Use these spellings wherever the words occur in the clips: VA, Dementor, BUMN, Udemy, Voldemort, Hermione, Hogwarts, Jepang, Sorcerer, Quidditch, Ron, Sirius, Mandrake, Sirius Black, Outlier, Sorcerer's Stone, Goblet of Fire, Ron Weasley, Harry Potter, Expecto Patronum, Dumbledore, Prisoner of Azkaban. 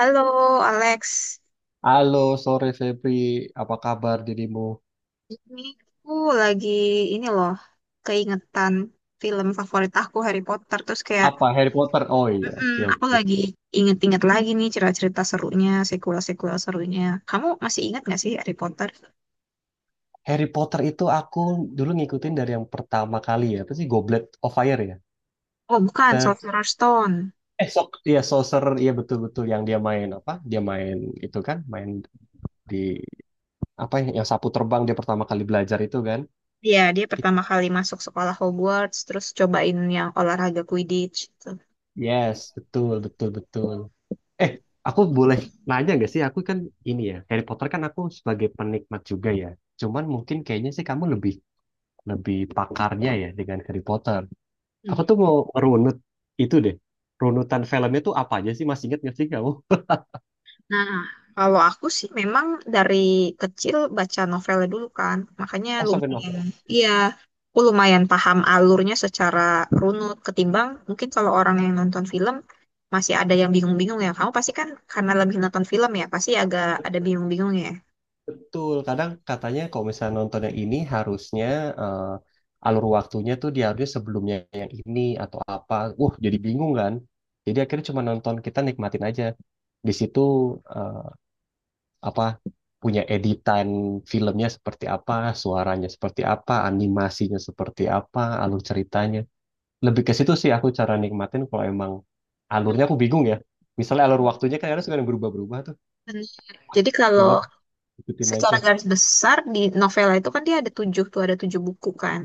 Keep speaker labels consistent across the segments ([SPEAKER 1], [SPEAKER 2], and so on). [SPEAKER 1] Halo Alex,
[SPEAKER 2] Halo, sore Febri. Apa kabar dirimu?
[SPEAKER 1] ini aku lagi ini loh keingetan film favorit aku Harry Potter terus kayak
[SPEAKER 2] Apa Harry Potter? Oh iya,
[SPEAKER 1] "Mm-mm,
[SPEAKER 2] oke
[SPEAKER 1] aku
[SPEAKER 2] oke.
[SPEAKER 1] lagi inget-inget lagi nih cerita-cerita serunya, sequel-sequel serunya. Kamu masih ingat gak sih Harry Potter?
[SPEAKER 2] Harry Potter itu aku dulu ngikutin dari yang pertama kali ya. Apa sih Goblet of Fire ya?
[SPEAKER 1] Oh bukan,
[SPEAKER 2] Ter
[SPEAKER 1] Sorcerer's Stone.
[SPEAKER 2] eh sok iya Sorcerer iya betul-betul yang dia main apa? Dia main itu kan, main di apa ya, yang sapu terbang dia pertama kali belajar itu kan.
[SPEAKER 1] Iya, dia
[SPEAKER 2] It-
[SPEAKER 1] pertama kali masuk sekolah Hogwarts terus cobain yang olahraga Quidditch gitu.
[SPEAKER 2] Yes, betul betul betul. Eh, aku boleh nanya gak sih? Aku kan ini ya, Harry Potter kan aku sebagai penikmat juga ya. Cuman mungkin kayaknya sih kamu lebih lebih pakarnya ya dengan Harry Potter. Aku tuh mau runut itu deh. Runutan filmnya tuh apa aja sih? Masih inget nggak sih kamu?
[SPEAKER 1] Nah, kalau aku sih memang dari kecil baca novelnya dulu kan, makanya
[SPEAKER 2] Oh, sampai novel.
[SPEAKER 1] lumayan, iya, aku lumayan paham alurnya secara runut ketimbang mungkin kalau orang yang nonton film masih ada yang bingung-bingung ya. Kamu pasti kan karena lebih nonton film ya, pasti agak ada bingung-bingung ya.
[SPEAKER 2] Betul. Kadang katanya kalau misalnya nonton yang ini harusnya alur waktunya tuh dia harusnya sebelumnya yang ini atau apa. Jadi bingung kan? Jadi akhirnya cuma nonton kita nikmatin aja. Di situ eh, apa punya editan filmnya seperti apa, suaranya seperti apa, animasinya seperti apa, alur ceritanya lebih ke situ sih aku cara nikmatin kalau emang alurnya
[SPEAKER 1] Hmm.
[SPEAKER 2] aku bingung ya. Misalnya alur waktunya kan kadang suka yang berubah-berubah tuh.
[SPEAKER 1] Benar.
[SPEAKER 2] Wah,
[SPEAKER 1] Jadi kalau
[SPEAKER 2] coba ikutin aja.
[SPEAKER 1] secara garis besar di novel itu kan dia ada tujuh tuh ada tujuh buku kan.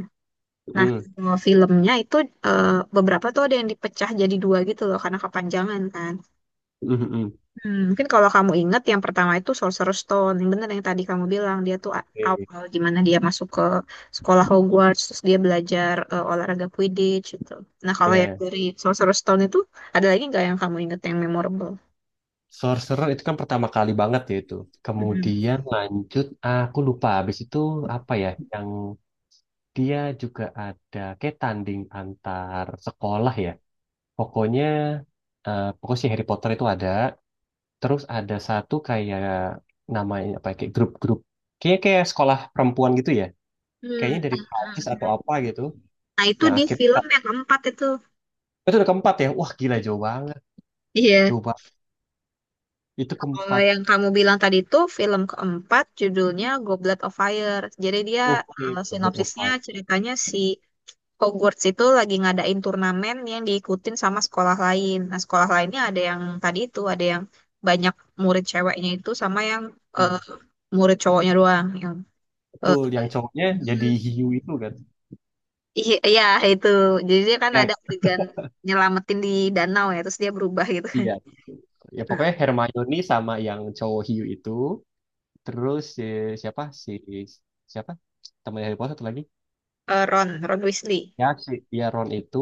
[SPEAKER 1] Nah,
[SPEAKER 2] Mm,
[SPEAKER 1] kalau filmnya itu eh, beberapa tuh ada yang dipecah jadi dua gitu loh karena kepanjangan kan.
[SPEAKER 2] mm, mm, mm.
[SPEAKER 1] Hmm, mungkin kalau kamu ingat yang pertama itu Sorcerer's Stone, yang benar yang tadi kamu bilang dia tuh
[SPEAKER 2] Oke,
[SPEAKER 1] awal gimana dia masuk ke sekolah Hogwarts, terus dia belajar olahraga Quidditch gitu. Nah kalau yang
[SPEAKER 2] ya.
[SPEAKER 1] dari Sorcerer's Stone itu ada lagi nggak yang kamu ingat yang memorable?
[SPEAKER 2] Sorcerer itu kan pertama kali banget ya itu.
[SPEAKER 1] Mm-mm.
[SPEAKER 2] Kemudian lanjut, ah, aku lupa habis itu apa ya, yang dia juga ada kayak tanding antar sekolah ya. Pokoknya, pokoknya si Harry Potter itu ada. Terus ada satu kayak namanya apa ya, kayak grup-grup. Kayaknya kayak sekolah perempuan gitu ya,
[SPEAKER 1] Hmm,
[SPEAKER 2] kayaknya dari
[SPEAKER 1] ah,
[SPEAKER 2] Prancis atau apa gitu.
[SPEAKER 1] nah itu
[SPEAKER 2] Yang
[SPEAKER 1] di
[SPEAKER 2] akhirnya
[SPEAKER 1] film yang keempat itu.
[SPEAKER 2] itu udah keempat ya, wah gila jauh banget,
[SPEAKER 1] Iya.
[SPEAKER 2] jauh banget, itu
[SPEAKER 1] Kalau
[SPEAKER 2] keempat.
[SPEAKER 1] yang kamu bilang tadi itu film keempat judulnya Goblet of Fire. Jadi dia
[SPEAKER 2] Oke, buat
[SPEAKER 1] sinopsisnya
[SPEAKER 2] offline.
[SPEAKER 1] ceritanya si Hogwarts itu lagi ngadain turnamen yang diikutin sama sekolah lain. Nah, sekolah lainnya ada yang tadi itu, ada yang banyak murid ceweknya itu sama yang eh, murid cowoknya doang. Yang eh,
[SPEAKER 2] Betul, yang cowoknya jadi hiu itu kan.
[SPEAKER 1] iya iya, itu. Jadi dia kan
[SPEAKER 2] Ya,
[SPEAKER 1] ada adegan nyelamatin di danau ya, terus dia berubah gitu kan.
[SPEAKER 2] iya, ya pokoknya
[SPEAKER 1] Nah,
[SPEAKER 2] Hermione sama yang cowok hiu itu. Terus si, siapa si siapa temannya Harry Potter satu lagi.
[SPEAKER 1] Ron Weasley.
[SPEAKER 2] Ya si, ya Ron itu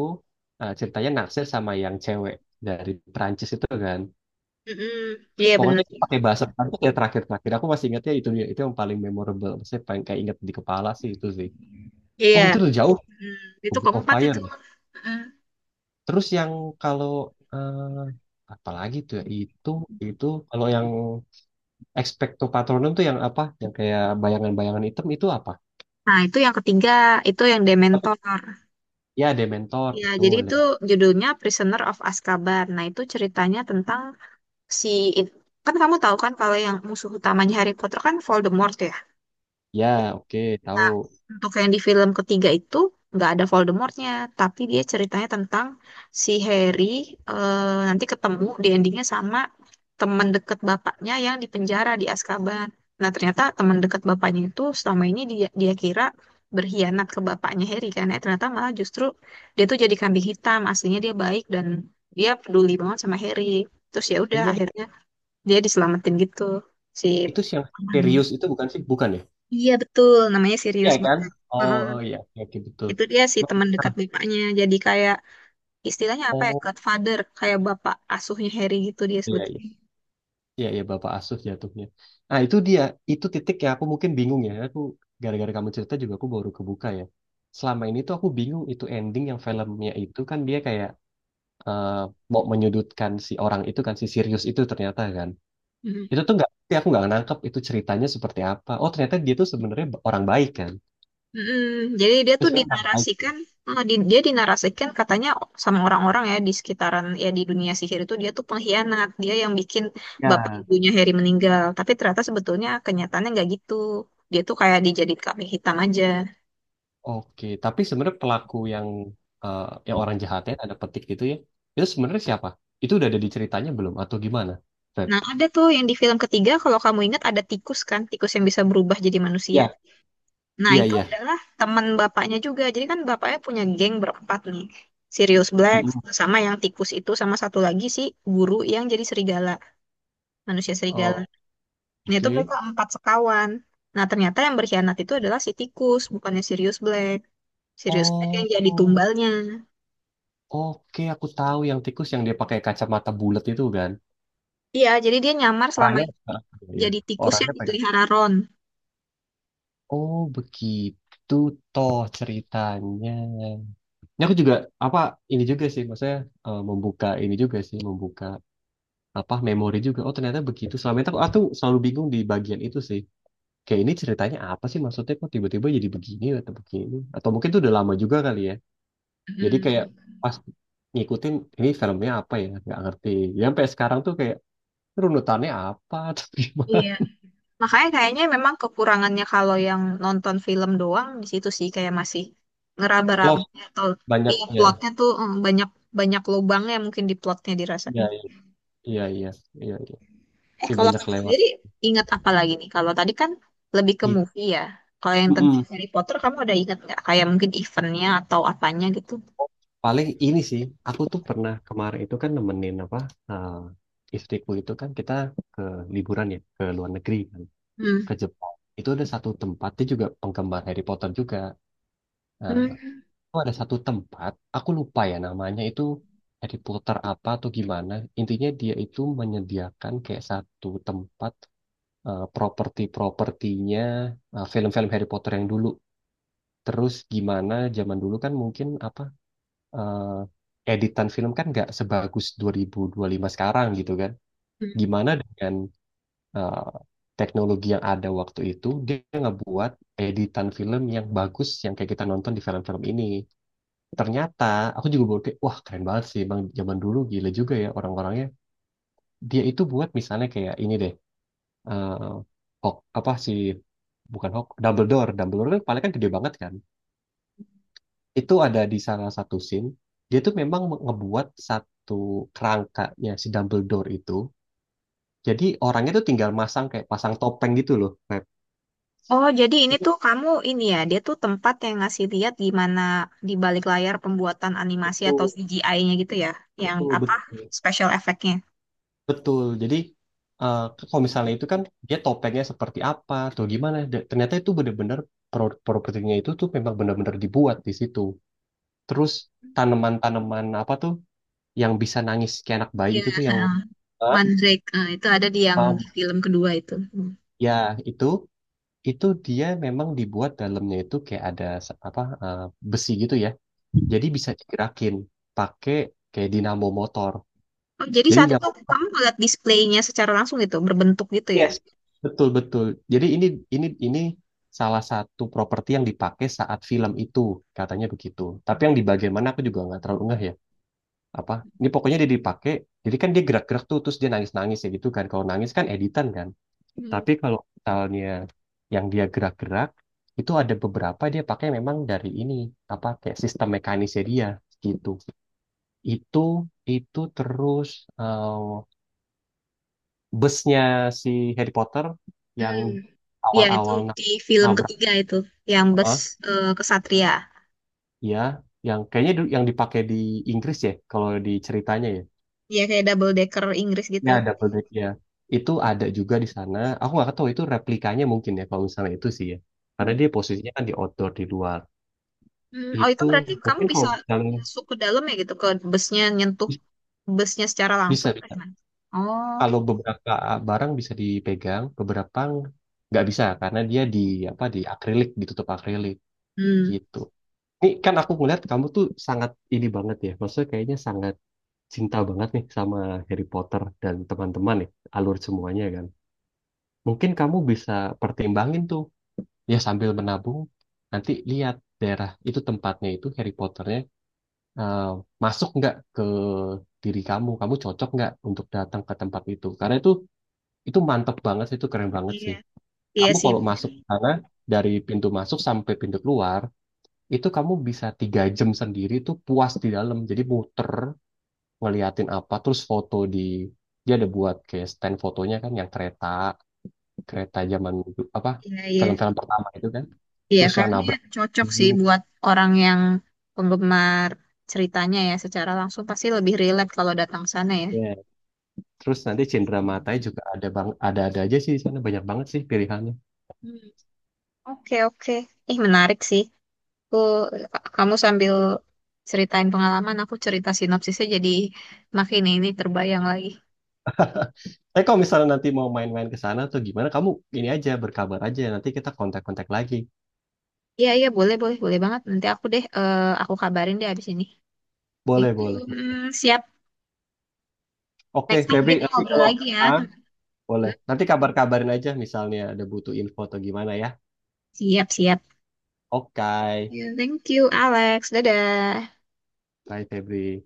[SPEAKER 2] ceritanya naksir sama yang cewek dari Prancis itu kan.
[SPEAKER 1] Mm-mm. Iya
[SPEAKER 2] Pokoknya
[SPEAKER 1] bener.
[SPEAKER 2] itu pakai bahasa Prancis ya terakhir-terakhir. Aku masih ingatnya itu dia. Itu yang paling memorable. Saya paling kayak ingat di kepala sih itu sih.
[SPEAKER 1] Iya.
[SPEAKER 2] Oh itu udah jauh.
[SPEAKER 1] Mm, Itu
[SPEAKER 2] Goblet of
[SPEAKER 1] keempat
[SPEAKER 2] Fire.
[SPEAKER 1] itu. Mm.
[SPEAKER 2] Terus yang kalau eh apalagi tuh ya? Itu kalau yang Expecto Patronum tuh yang apa? Yang kayak bayangan-bayangan hitam itu apa?
[SPEAKER 1] Nah, itu yang ketiga, itu yang
[SPEAKER 2] Apa?
[SPEAKER 1] Dementor.
[SPEAKER 2] Ya Dementor
[SPEAKER 1] Ya, jadi
[SPEAKER 2] betul.
[SPEAKER 1] itu
[SPEAKER 2] Dementor.
[SPEAKER 1] judulnya Prisoner of Azkaban. Nah, itu ceritanya tentang si kan kamu tahu kan kalau yang musuh utamanya Harry Potter kan Voldemort ya.
[SPEAKER 2] Ya, oke, tahu.
[SPEAKER 1] Untuk yang di film ketiga itu nggak ada Voldemortnya, tapi dia ceritanya tentang si Harry nanti ketemu di endingnya sama teman deket bapaknya yang di penjara di Azkaban. Nah ternyata teman deket bapaknya itu selama ini dia dia kira berkhianat ke bapaknya Harry kan, ternyata malah justru dia tuh jadi kambing hitam. Aslinya dia baik dan dia peduli banget sama Harry. Terus ya udah
[SPEAKER 2] Ini yang
[SPEAKER 1] akhirnya dia diselamatin gitu si
[SPEAKER 2] itu sih yang
[SPEAKER 1] pamannya.
[SPEAKER 2] serius itu bukan sih? Bukan ya?
[SPEAKER 1] Iya betul, namanya
[SPEAKER 2] Iya
[SPEAKER 1] Sirius
[SPEAKER 2] kan?
[SPEAKER 1] banget.
[SPEAKER 2] Oh oh, iya oke oke, betul.
[SPEAKER 1] Itu dia sih
[SPEAKER 2] Nah,
[SPEAKER 1] teman dekat bapaknya. Jadi kayak istilahnya apa ya?
[SPEAKER 2] oh
[SPEAKER 1] Godfather, kayak bapak asuhnya Harry gitu dia
[SPEAKER 2] iya.
[SPEAKER 1] sebetulnya.
[SPEAKER 2] Iya, ya Bapak Asuh jatuhnya. Nah, itu dia. Itu titik yang aku mungkin bingung ya. Aku gara-gara kamu cerita juga aku baru kebuka ya. Selama ini tuh aku bingung itu ending yang filmnya itu kan dia kayak eh, mau menyudutkan si orang itu kan si Sirius itu ternyata kan.
[SPEAKER 1] Mhm.
[SPEAKER 2] Itu tuh nggak, tapi aku nggak nangkep itu ceritanya seperti apa. Oh ternyata dia tuh sebenarnya orang baik kan.
[SPEAKER 1] Mhm. Jadi dia
[SPEAKER 2] Dia
[SPEAKER 1] tuh
[SPEAKER 2] sebenarnya orang baik.
[SPEAKER 1] dinarasikan, dia dinarasikan katanya sama orang-orang ya di sekitaran ya di dunia sihir itu dia tuh pengkhianat, dia yang bikin bapak
[SPEAKER 2] Ya.
[SPEAKER 1] ibunya Harry meninggal. Tapi ternyata sebetulnya kenyataannya nggak gitu. Dia tuh kayak dijadiin kambing hitam aja.
[SPEAKER 2] Oke, tapi sebenarnya pelaku yang eh, yang orang jahatnya ada petik gitu ya. Itu sebenarnya siapa? Itu udah ada di ceritanya belum atau gimana? Feb?
[SPEAKER 1] Nah, ada tuh yang di film ketiga kalau kamu ingat ada tikus kan, tikus yang bisa berubah jadi manusia. Nah,
[SPEAKER 2] Iya,
[SPEAKER 1] itu
[SPEAKER 2] iya.
[SPEAKER 1] adalah teman bapaknya juga. Jadi kan bapaknya punya geng berempat nih. Sirius Black
[SPEAKER 2] Mm-mm.
[SPEAKER 1] sama yang tikus itu sama satu lagi si guru yang jadi serigala, manusia serigala.
[SPEAKER 2] Oh,
[SPEAKER 1] Nah, itu
[SPEAKER 2] oke.
[SPEAKER 1] mereka empat sekawan. Nah, ternyata yang berkhianat itu adalah si tikus, bukannya Sirius Black. Sirius Black
[SPEAKER 2] Oh,
[SPEAKER 1] yang jadi
[SPEAKER 2] oh,
[SPEAKER 1] tumbalnya.
[SPEAKER 2] oke, aku tahu yang tikus yang dia pakai kacamata bulat itu kan.
[SPEAKER 1] Iya, jadi dia nyamar selama
[SPEAKER 2] Orangnya,
[SPEAKER 1] ini
[SPEAKER 2] ah, iya, iya,
[SPEAKER 1] jadi tikus yang
[SPEAKER 2] orangnya pakai.
[SPEAKER 1] dipelihara Ron.
[SPEAKER 2] Oh, begitu toh ceritanya. Ini aku juga apa ini juga sih, maksudnya membuka ini juga sih, membuka apa memori juga. Oh, ternyata begitu. Selama itu aku selalu bingung di bagian itu sih. Kayak ini ceritanya apa sih maksudnya kok tiba-tiba jadi begini? Atau mungkin itu udah lama juga kali ya. Jadi kayak
[SPEAKER 1] Mm.
[SPEAKER 2] pas ngikutin ini filmnya apa ya, nggak ngerti. Ya sampai sekarang tuh kayak "Ini runutannya apa atau gimana?
[SPEAKER 1] Iya, makanya kayaknya memang kekurangannya kalau yang nonton film doang di situ sih kayak masih ngeraba raba
[SPEAKER 2] Lost
[SPEAKER 1] atau iya
[SPEAKER 2] banyaknya.
[SPEAKER 1] plotnya tuh banyak banyak lubangnya mungkin di plotnya
[SPEAKER 2] Iya,
[SPEAKER 1] dirasanya.
[SPEAKER 2] iya, iya, iya, iya.
[SPEAKER 1] Eh
[SPEAKER 2] Ya,
[SPEAKER 1] kalau
[SPEAKER 2] banyak
[SPEAKER 1] kamu
[SPEAKER 2] lewat.
[SPEAKER 1] sendiri ingat apa lagi nih? Kalau tadi kan lebih ke
[SPEAKER 2] Gitu.
[SPEAKER 1] movie ya. Kalau yang tentang
[SPEAKER 2] Mm-mm.
[SPEAKER 1] Harry Potter kamu ada ingat nggak? Kayak mungkin eventnya atau apanya gitu?
[SPEAKER 2] Paling ini sih, aku tuh pernah kemarin itu kan nemenin apa eh, istriku itu kan kita ke liburan ya ke luar negeri kan,
[SPEAKER 1] Hmm.
[SPEAKER 2] ke Jepang. Itu ada satu tempat dia juga penggemar Harry Potter juga. Nah, oh, ada satu tempat, aku lupa ya namanya itu dari puter apa atau gimana. Intinya dia itu menyediakan kayak satu tempat properti-propertinya film-film Harry Potter yang dulu. Terus gimana zaman dulu kan mungkin apa editan film kan nggak sebagus 2025 sekarang gitu kan.
[SPEAKER 1] Hmm.
[SPEAKER 2] Gimana dengan eh, teknologi yang ada waktu itu dia ngebuat editan film yang bagus yang kayak kita nonton di film-film ini, ternyata aku juga baru kayak wah keren banget sih bang, zaman dulu gila juga ya orang-orangnya. Dia itu buat misalnya kayak ini deh, eh hok apa sih bukan hok Dumbledore. Dumbledore kan kepalanya kan gede banget kan, itu ada di salah satu scene dia tuh memang ngebuat satu kerangkanya si Dumbledore itu, jadi orangnya tuh tinggal masang kayak pasang topeng gitu loh Feb.
[SPEAKER 1] Oh, jadi ini
[SPEAKER 2] itu
[SPEAKER 1] tuh kamu ini ya, dia tuh tempat yang ngasih lihat gimana di balik layar pembuatan animasi atau
[SPEAKER 2] itu
[SPEAKER 1] CGI-nya gitu ya, yang
[SPEAKER 2] betul
[SPEAKER 1] apa
[SPEAKER 2] betul.
[SPEAKER 1] special effect-nya.
[SPEAKER 2] Betul. Jadi eh, kalau misalnya itu kan dia topengnya seperti apa atau gimana. Ternyata itu benar-benar propertinya itu tuh memang benar-benar dibuat di situ. Terus tanaman-tanaman apa tuh yang bisa nangis kayak anak bayi
[SPEAKER 1] Iya,
[SPEAKER 2] itu tuh yang. Hah?
[SPEAKER 1] Mandrake. Itu ada di yang di
[SPEAKER 2] Paham.
[SPEAKER 1] film kedua itu. Hmm.
[SPEAKER 2] Ya itu itu dia memang dibuat dalamnya itu kayak ada apa besi gitu ya. Jadi bisa digerakin pakai kayak dinamo motor.
[SPEAKER 1] Oh, jadi
[SPEAKER 2] Jadi
[SPEAKER 1] saat itu kamu ngeliat displaynya secara langsung gitu, berbentuk gitu ya?
[SPEAKER 2] yes. Betul betul. Jadi ini salah satu properti yang dipakai saat film itu katanya begitu. Tapi yang di bagian mana aku juga nggak terlalu ngeh ya. Apa? Ini pokoknya dia dipakai. Jadi kan dia gerak-gerak tuh terus dia nangis-nangis ya gitu kan. Kalau nangis kan editan kan.
[SPEAKER 1] Hmm.
[SPEAKER 2] Tapi kalau misalnya yang dia gerak-gerak itu ada beberapa dia pakai memang dari ini apa kayak sistem mekanisnya dia gitu. Itu itu terus eh, busnya si Harry Potter yang
[SPEAKER 1] Hmm. Ya, itu
[SPEAKER 2] awal-awal
[SPEAKER 1] di film
[SPEAKER 2] nabrak
[SPEAKER 1] ketiga itu, yang bus
[SPEAKER 2] eh,
[SPEAKER 1] kesatria.
[SPEAKER 2] ya yang kayaknya yang dipakai di Inggris ya kalau di ceritanya ya,
[SPEAKER 1] Ya, kayak double decker Inggris gitu.
[SPEAKER 2] ya double deck ya. Itu ada juga di sana, aku nggak tahu itu replikanya mungkin ya kalau misalnya itu sih ya, karena
[SPEAKER 1] Hmm.
[SPEAKER 2] dia posisinya kan di outdoor di luar.
[SPEAKER 1] Oh, itu
[SPEAKER 2] Itu
[SPEAKER 1] berarti kamu
[SPEAKER 2] mungkin
[SPEAKER 1] bisa
[SPEAKER 2] kalau misalnya
[SPEAKER 1] masuk ke dalam ya gitu, ke busnya nyentuh busnya secara langsung
[SPEAKER 2] bisa,
[SPEAKER 1] atau
[SPEAKER 2] bisa,
[SPEAKER 1] gimana? Oh,
[SPEAKER 2] kalau beberapa barang bisa dipegang, beberapa nggak bisa karena dia di apa di akrilik, ditutup akrilik
[SPEAKER 1] hmm,
[SPEAKER 2] gitu. Ini kan aku ngeliat kamu tuh sangat ini banget ya, maksudnya kayaknya sangat cinta banget nih sama Harry Potter dan teman-teman nih, alur semuanya kan. Mungkin kamu bisa pertimbangin tuh, ya sambil menabung, nanti lihat daerah itu tempatnya itu Harry Potternya eh, masuk nggak ke diri kamu, kamu cocok nggak untuk datang ke tempat itu. Karena itu mantep banget sih, itu keren banget
[SPEAKER 1] iya,
[SPEAKER 2] sih.
[SPEAKER 1] iya
[SPEAKER 2] Kamu
[SPEAKER 1] sih,
[SPEAKER 2] kalau masuk ke sana dari pintu masuk sampai pintu keluar itu kamu bisa 3 jam sendiri tuh puas di dalam, jadi muter ngeliatin apa terus foto di dia ada buat kayak stand fotonya kan yang kereta, kereta zaman du- apa
[SPEAKER 1] iya iya,
[SPEAKER 2] film-film pertama itu kan,
[SPEAKER 1] iya
[SPEAKER 2] terus yang
[SPEAKER 1] kayaknya
[SPEAKER 2] nabrak
[SPEAKER 1] cocok sih
[SPEAKER 2] dinding.
[SPEAKER 1] buat orang yang penggemar ceritanya ya secara langsung pasti lebih relate kalau datang sana ya.
[SPEAKER 2] Ya. Terus nanti cendera matanya juga ada bang, ada aja sih di sana, banyak banget sih pilihannya.
[SPEAKER 1] Hmm, Oke oke, Ih menarik sih. Aku kamu sambil ceritain pengalaman, aku cerita sinopsisnya jadi makin ini terbayang lagi.
[SPEAKER 2] Kalau misalnya nanti mau main-main ke sana tuh gimana kamu, ini aja berkabar aja nanti kita kontak-kontak lagi.
[SPEAKER 1] Iya iya boleh boleh boleh banget. Nanti aku deh, aku kabarin deh abis ini. Thank
[SPEAKER 2] Boleh
[SPEAKER 1] you.
[SPEAKER 2] boleh.
[SPEAKER 1] Siap.
[SPEAKER 2] Oke
[SPEAKER 1] Next time
[SPEAKER 2] Febri,
[SPEAKER 1] kita
[SPEAKER 2] nanti
[SPEAKER 1] ngobrol
[SPEAKER 2] kalau
[SPEAKER 1] lagi ya.
[SPEAKER 2] ah boleh. Nanti kabar-kabarin aja misalnya ada butuh info atau gimana ya.
[SPEAKER 1] Siap, siap.
[SPEAKER 2] Oke.
[SPEAKER 1] Ya, Thank you, Alex. Dadah.
[SPEAKER 2] Bye, Febri.